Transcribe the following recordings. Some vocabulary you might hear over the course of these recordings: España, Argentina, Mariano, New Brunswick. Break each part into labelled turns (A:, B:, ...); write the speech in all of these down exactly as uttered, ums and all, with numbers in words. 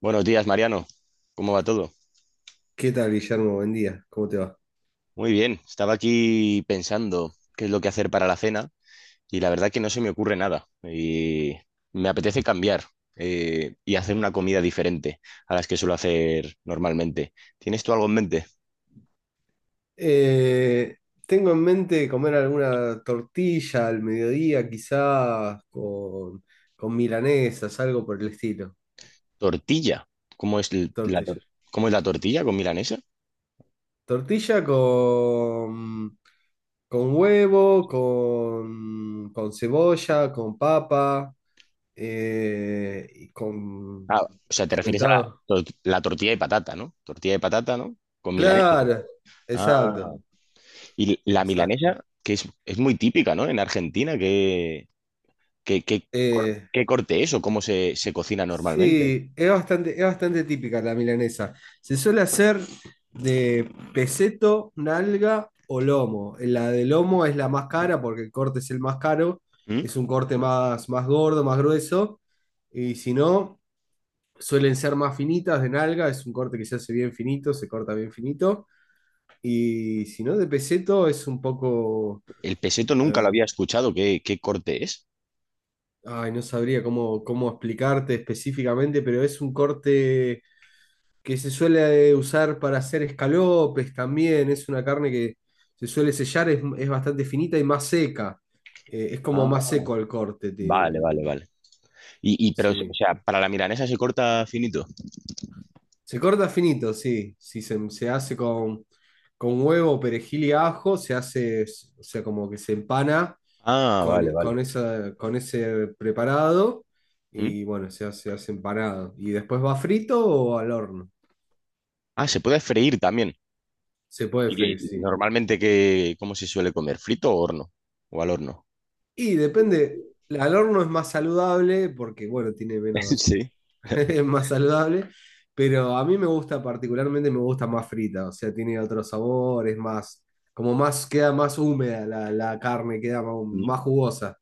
A: Buenos días, Mariano. ¿Cómo va todo?
B: ¿Qué tal, Guillermo? Buen día, ¿cómo te va?
A: Muy bien. Estaba aquí pensando qué es lo que hacer para la cena y la verdad que no se me ocurre nada. Y me apetece cambiar, eh, y hacer una comida diferente a las que suelo hacer normalmente. ¿Tienes tú algo en mente?
B: Eh, Tengo en mente comer alguna tortilla al mediodía, quizás con, con milanesas, algo por el estilo.
A: Tortilla. ¿Cómo es l- la, tor-
B: Tortilla.
A: cómo es la tortilla con milanesa?
B: Tortilla con, con huevo, con, con cebolla, con papa, eh, y con...
A: Ah, o sea, te refieres a la,
B: Inventado.
A: tor- la tortilla de patata, ¿no? Tortilla de patata, ¿no? Con milanesa.
B: Claro,
A: Ah,
B: exacto,
A: y la
B: exacto.
A: milanesa, que es, es muy típica, ¿no? En Argentina. ¿Qué, qué cor-
B: Eh,
A: qué corte es o cómo se, se cocina normalmente?
B: Sí, es bastante, es bastante típica la milanesa. Se suele hacer de peseto, nalga o lomo. La de lomo es la más cara porque el corte es el más caro,
A: ¿Mm?
B: es un corte más, más gordo, más grueso. Y si no, suelen ser más finitas de nalga, es un corte que se hace bien finito, se corta bien finito. Y si no, de peseto es un poco...
A: El peseto nunca lo
B: eh,
A: había escuchado. ¿Qué, qué corte es?
B: ay, no sabría cómo, cómo explicarte específicamente, pero es un corte que se suele usar para hacer escalopes también, es una carne que se suele sellar, es, es bastante finita y más seca, eh, es como más
A: Ah,
B: seco el corte, te-
A: vale, vale, vale. Y, y pero, o
B: sí.
A: sea, para la milanesa se corta finito.
B: Se corta finito, sí, si se, se hace con, con huevo, perejil y ajo, se hace, o sea, como que se empana
A: Ah, vale,
B: con,
A: vale.
B: con, esa, con ese preparado
A: ¿Mm?
B: y bueno, se hace, se hace empanado. Y después va frito o al horno,
A: Ah, se puede freír también.
B: se puede
A: ¿Y qué?
B: freír, sí.
A: Normalmente, qué, ¿cómo se suele comer? ¿Frito o horno? ¿O al horno?
B: Y depende, al horno es más saludable porque, bueno, tiene menos,
A: Sí.
B: es más saludable, pero a mí me gusta particularmente, me gusta más frita, o sea, tiene otro sabor, es más, como más, queda más húmeda la, la carne, queda más,
A: ¿Mm?
B: más jugosa.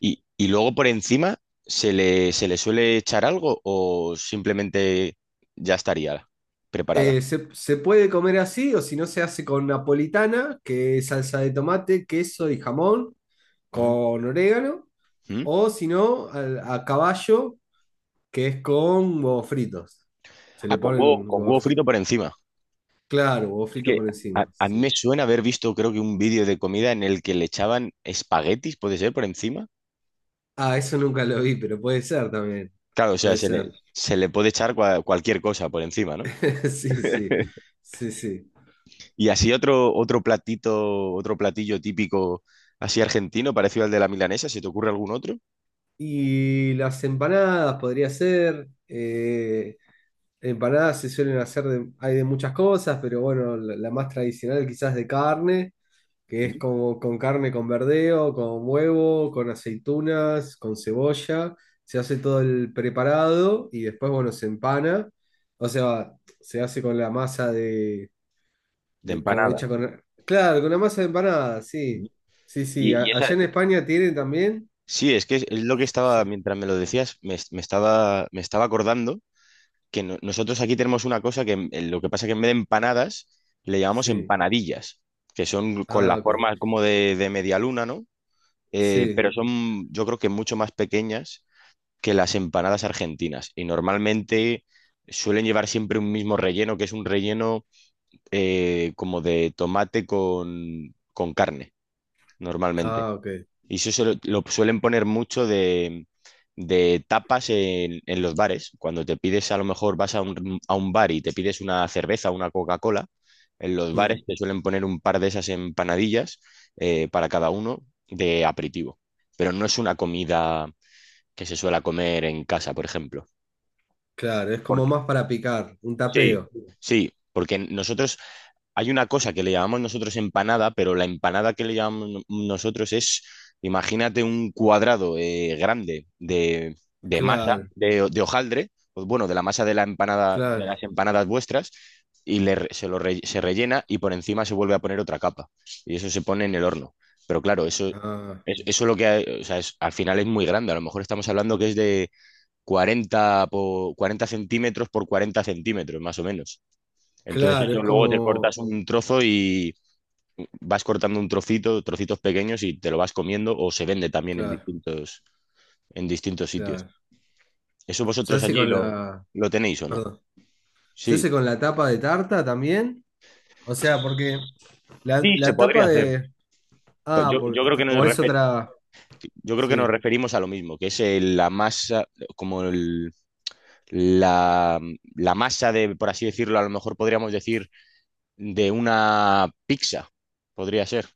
A: Y, y luego por encima se le, se le suele echar algo o simplemente ya estaría preparada.
B: Eh, se, se puede comer así o si no se hace con napolitana, que es salsa de tomate, queso y jamón,
A: Ah.
B: con orégano,
A: ¿Mm?
B: o si no, al- a, caballo, que es con huevos fritos. Se le
A: Ah, con huevo,
B: ponen
A: con
B: huevos.
A: huevo frito por encima.
B: Claro, huevo
A: Es
B: frito
A: que
B: por
A: a,
B: encima.
A: a mí me
B: Sí.
A: suena haber visto, creo que un vídeo de comida en el que le echaban espaguetis, ¿puede ser, por encima?
B: Ah, eso nunca lo vi, pero puede ser también.
A: Claro, o sea,
B: Puede
A: se le,
B: ser.
A: se le puede echar cua- cualquier cosa por encima, ¿no?
B: Sí, sí. Sí, sí.
A: Y así otro, otro platito, otro platillo típico así argentino, parecido al de la milanesa, ¿se te ocurre algún otro?
B: Y las empanadas podría ser. Eh, empanadas se suelen hacer de, hay de muchas cosas, pero bueno, la, la más tradicional quizás de carne, que es
A: Mm.
B: como con carne con verdeo, con huevo, con aceitunas, con cebolla. Se hace todo el preparado y después, bueno, se empana. O sea, se hace con la masa de
A: De
B: De, como
A: empanada.
B: hecha con... Claro, con una masa de empanada,
A: Mm.
B: sí. Sí, sí. A-
A: Y, y esa.
B: allá en España tienen también.
A: Sí, es que es, es lo que estaba,
B: Sí.
A: mientras me lo decías, me, me estaba, me estaba acordando que no- nosotros aquí tenemos una cosa que en- en lo que pasa es que en vez de empanadas le llamamos
B: Sí.
A: empanadillas, que son con
B: Ah,
A: la
B: ok.
A: forma como de, de media luna, ¿no? Eh,
B: Sí.
A: pero son, yo creo, que mucho más pequeñas que las empanadas argentinas y normalmente suelen llevar siempre un mismo relleno, que es un relleno, eh, como de tomate con, con carne, normalmente.
B: Ah, ok.
A: Y eso se lo, lo suelen poner mucho de, de tapas en, en los bares. Cuando te pides, a lo mejor vas a un, a un bar y te pides una cerveza, una Coca-Cola, en los bares
B: Mm.
A: te suelen poner un par de esas empanadillas, eh, para cada uno, de aperitivo. Pero no es una comida que se suela comer en casa, por ejemplo.
B: Claro, es
A: Por-
B: como más para picar, un
A: Sí,
B: tapeo.
A: sí, porque nosotros. Hay una cosa que le llamamos nosotros empanada, pero la empanada que le llamamos no- nosotros es, imagínate, un cuadrado, eh, grande, de, de masa,
B: Claro,
A: de, de hojaldre, pues bueno, de la masa de la empanada, de
B: claro.
A: las empanadas vuestras, y le re- se lo re- se rellena y por encima se vuelve a poner otra capa. Y eso se pone en el horno. Pero claro, eso,
B: Ah,
A: es- eso lo que, hay- o sea, es- al final es muy grande. A lo mejor estamos hablando que es de cuarenta por cuarenta centímetros por cuarenta centímetros, más o menos. Entonces
B: claro, es
A: eso luego te
B: como...
A: cortas un trozo y vas cortando un trocito, trocitos pequeños, y te lo vas comiendo, o se vende también en
B: Claro,
A: distintos, en distintos sitios.
B: claro.
A: ¿Eso
B: ¿Se
A: vosotros
B: hace
A: allí
B: con
A: lo,
B: la...
A: lo tenéis o no?
B: Perdón. ¿Se
A: Sí,
B: hace con la tapa de tarta también? O sea, porque la,
A: sí, se
B: la tapa
A: podría hacer.
B: de...
A: Pues
B: Ah,
A: Yo,
B: por-
A: yo creo que
B: está-
A: nos
B: o es
A: refer-
B: otra...
A: yo creo que
B: Sí.
A: nos referimos a lo mismo, que es el- la masa, como el- la, la masa de, por así decirlo, a lo mejor podríamos decir, de una pizza, podría ser,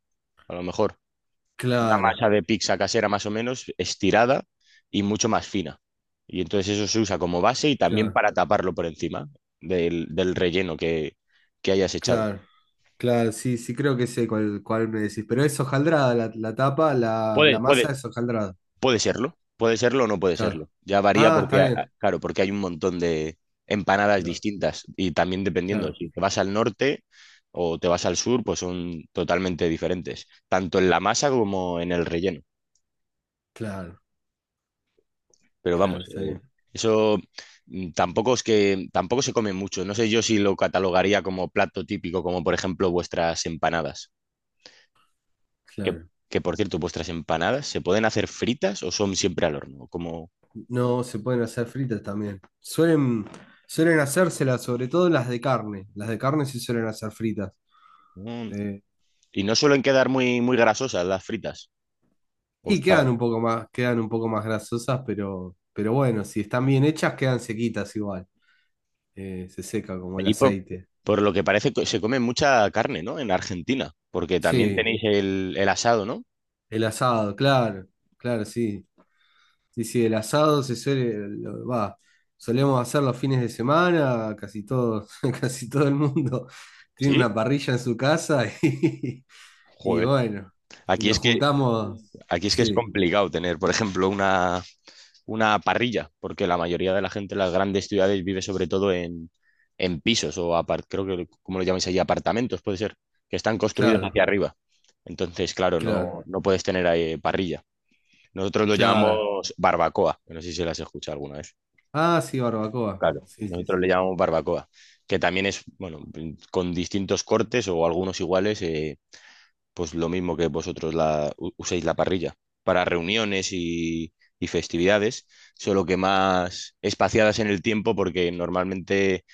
A: a lo mejor. Una
B: Claro,
A: masa de pizza casera más o menos estirada y mucho más fina. Y entonces eso se usa como base y también
B: claro,
A: para taparlo por encima del, del relleno que, que hayas echado.
B: claro. Claro, sí, sí creo que sé cuál, cuál me decís. Pero es hojaldrada la, la tapa, la, la
A: Puede,
B: masa
A: puede,
B: es hojaldrada.
A: puede serlo, puede serlo o no puede serlo.
B: Claro.
A: Ya varía
B: Ah,
A: porque,
B: está
A: ah, ah,
B: bien.
A: claro, porque hay un montón de empanadas
B: Claro,
A: distintas, y también dependiendo,
B: claro,
A: si te vas al norte o te vas al sur, pues son totalmente diferentes, tanto en la masa como en el relleno.
B: claro,
A: Pero
B: claro,
A: vamos,
B: está
A: eh,
B: bien.
A: eso, mm, tampoco es que tampoco se come mucho. No sé yo si lo catalogaría como plato típico, como por ejemplo vuestras empanadas. Que,
B: Claro.
A: que, por cierto, vuestras empanadas se pueden hacer fritas o son siempre al horno, como
B: No, se pueden hacer fritas también. Suelen, suelen hacérselas, sobre todo las de carne. Las de carne sí suelen hacer fritas.
A: mm,
B: Eh,
A: y no suelen quedar muy muy grasosas las fritas. O
B: y
A: está
B: quedan un poco más, quedan un poco más grasosas, pero, pero bueno, si están bien hechas, quedan sequitas igual. Eh, se seca como el
A: allí, por,
B: aceite.
A: por lo que parece, que se come mucha carne, ¿no? En Argentina, porque también
B: Sí,
A: tenéis el, el asado, ¿no?
B: el asado, claro, claro, sí. Sí, sí, el asado se suele, lo- va, solemos hacer los fines de semana, casi todo, casi todo el mundo tiene
A: Sí.
B: una parrilla en su casa y, y
A: Joder.
B: bueno, y
A: Aquí
B: nos
A: es que
B: juntamos,
A: aquí es que es
B: sí,
A: complicado tener, por ejemplo, una una parrilla, porque la mayoría de la gente en las grandes ciudades vive sobre todo en, en pisos o apart- creo que, ¿cómo lo llamáis allí?, apartamentos, puede ser, que están construidos
B: claro,
A: hacia arriba. Entonces, claro,
B: claro,
A: no, no puedes tener ahí parrilla. Nosotros lo
B: claro.
A: llamamos barbacoa, que no sé si las escuchado alguna vez.
B: Ah, sí, barbacoa,
A: Claro,
B: sí, sí,
A: nosotros le
B: sí,
A: llamamos barbacoa, que también es, bueno, con distintos cortes o algunos iguales, eh, pues lo mismo que vosotros la, u- uséis la parrilla para reuniones y, y festividades, solo que más espaciadas en el tiempo porque normalmente,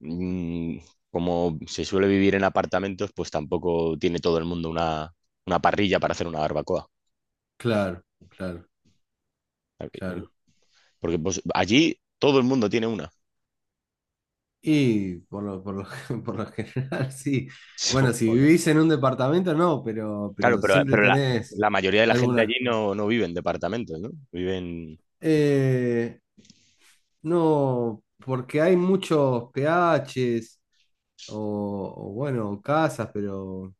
A: mm, como se suele vivir en apartamentos, pues tampoco tiene todo el mundo una, una parrilla para hacer una barbacoa.
B: claro, claro, claro.
A: Porque pues, allí todo el mundo tiene una.
B: Y por lo, por lo, por lo general, sí.
A: So,
B: Bueno, si
A: joder.
B: vivís en un departamento, no, pero,
A: Claro,
B: pero
A: pero,
B: siempre
A: pero la,
B: tenés
A: la mayoría de la gente allí
B: alguna.
A: no, no vive en departamentos, ¿no? Viven.
B: Eh, no, porque hay muchos P H es o, o, bueno, casas, pero,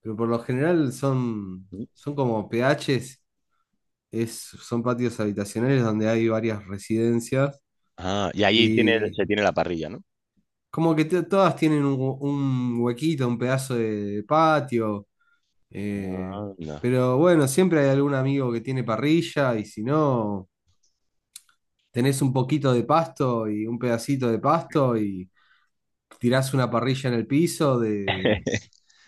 B: pero por lo general son, son como P H es, es, son patios habitacionales donde hay varias residencias
A: Ah, y allí tiene,
B: y
A: se tiene la parrilla, ¿no?
B: como que te- todas tienen un, hu- un huequito, un pedazo de patio. Eh,
A: Ah.
B: pero bueno, siempre hay algún amigo que tiene parrilla y si no, tenés un poquito de pasto y un pedacito de pasto y tirás una parrilla en el piso de...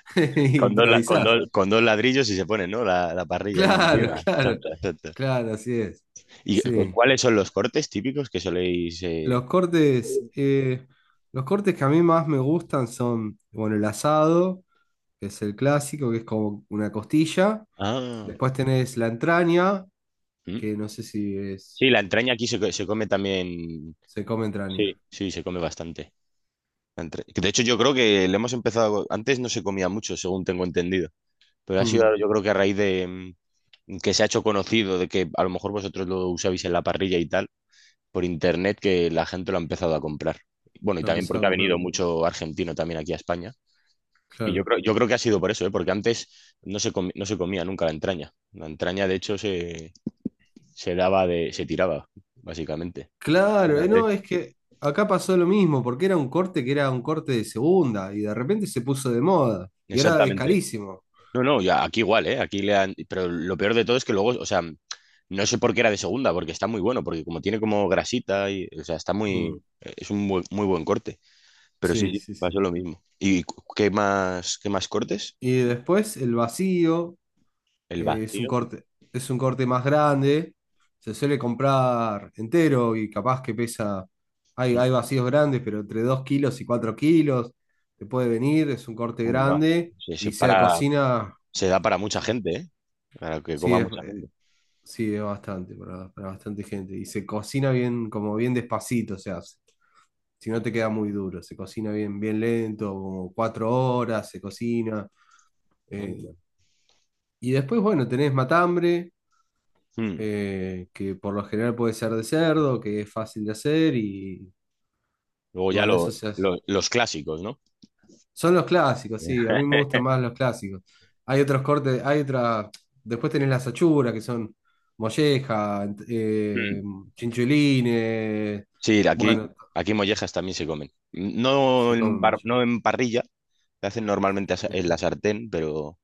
B: y
A: Con dos, la- con
B: improvisás.
A: dos- con dos ladrillos y se pone, ¿no?, La, la parrilla ahí
B: Claro,
A: encima. Ta,
B: claro,
A: ta, ta, ta.
B: claro, así es.
A: ¿Y cu-
B: Sí.
A: cuáles son los cortes típicos que soléis? eh?
B: Los cortes, eh, los cortes que a mí más me gustan son, bueno, el asado, que es el clásico, que es como una costilla.
A: Ah,
B: Después tenés la entraña,
A: mm.
B: que no sé si es.
A: Sí, la entraña aquí se, co- se come también.
B: Se come entraña.
A: Sí, sí, se come bastante. La entra- De hecho, yo creo que le hemos empezado. Antes no se comía mucho, según tengo entendido. Pero ha sido,
B: Mm,
A: yo creo, que a raíz de, mm, que se ha hecho conocido, de que a lo mejor vosotros lo usabais en la parrilla y tal, por internet, que la gente lo ha empezado a comprar. Bueno, y
B: lo
A: también
B: empezaba
A: porque
B: a
A: ha venido
B: comprar.
A: mucho argentino también aquí a España. Y yo
B: Claro.
A: creo, yo creo que ha sido por eso, ¿eh? Porque antes no se comi- no se comía nunca la entraña. La entraña, de hecho, se, se daba de, se tiraba, básicamente.
B: Claro, eh,
A: Fíjate.
B: no, es que acá pasó lo mismo, porque era un corte que era un corte de segunda y de repente se puso de moda y ahora es
A: Exactamente.
B: carísimo.
A: No, no, ya aquí igual, ¿eh? Aquí le han, pero lo peor de todo es que luego, o sea, no sé por qué era de segunda, porque está muy bueno, porque como tiene como grasita y, o sea, está muy,
B: Mm,
A: es un buen- muy buen corte. Pero sí,
B: sí,
A: sí,
B: sí,
A: pasó
B: sí.
A: lo mismo. ¿Y cu- qué más, qué más cortes?
B: Y después el vacío,
A: El
B: eh, es un
A: vacío.
B: corte, es un corte más grande, se suele comprar entero y capaz que pesa, hay, hay vacíos grandes, pero entre dos kilos y cuatro kilos te puede venir, es un corte
A: Onda.
B: grande
A: Se, se
B: y se
A: para,
B: cocina.
A: se da para mucha
B: Sí.
A: gente, ¿eh? Para que
B: Sí,
A: coma
B: es,
A: mucha
B: eh,
A: gente.
B: sí, es bastante para, para bastante gente. Y se cocina bien, como bien despacito, o sea, si no te queda muy duro, se cocina bien, bien lento, como cuatro horas se cocina.
A: Mm.
B: Eh. Y después, bueno, tenés matambre,
A: Mm.
B: eh, que por lo general puede ser de cerdo, que es fácil de hacer, y,
A: Luego
B: y
A: ya
B: bueno, eso
A: lo-
B: se hace.
A: lo- los clásicos, ¿no?
B: Son los clásicos, sí, a
A: Yeah.
B: mí me gustan más los clásicos. Hay otros cortes, hay otras. Después tenés las achuras, que son molleja, ent- eh,
A: Mm.
B: chinchulines.
A: Sí, aquí,
B: Bueno,
A: aquí mollejas también se comen. No
B: se
A: en,
B: comen
A: bar-
B: molleja.
A: no en parrilla, se hacen normalmente, asa- en la sartén, pero,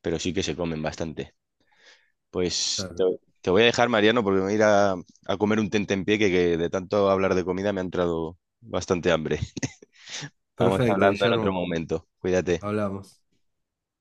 A: pero sí que se comen bastante. Pues te,
B: Claro.
A: te voy a dejar, Mariano, porque me voy a ir a, a comer un tentempié que, que de tanto hablar de comida me ha entrado bastante hambre. Estamos
B: Perfecto,
A: hablando en otro
B: Guillermo,
A: momento. Cuídate.
B: hablamos.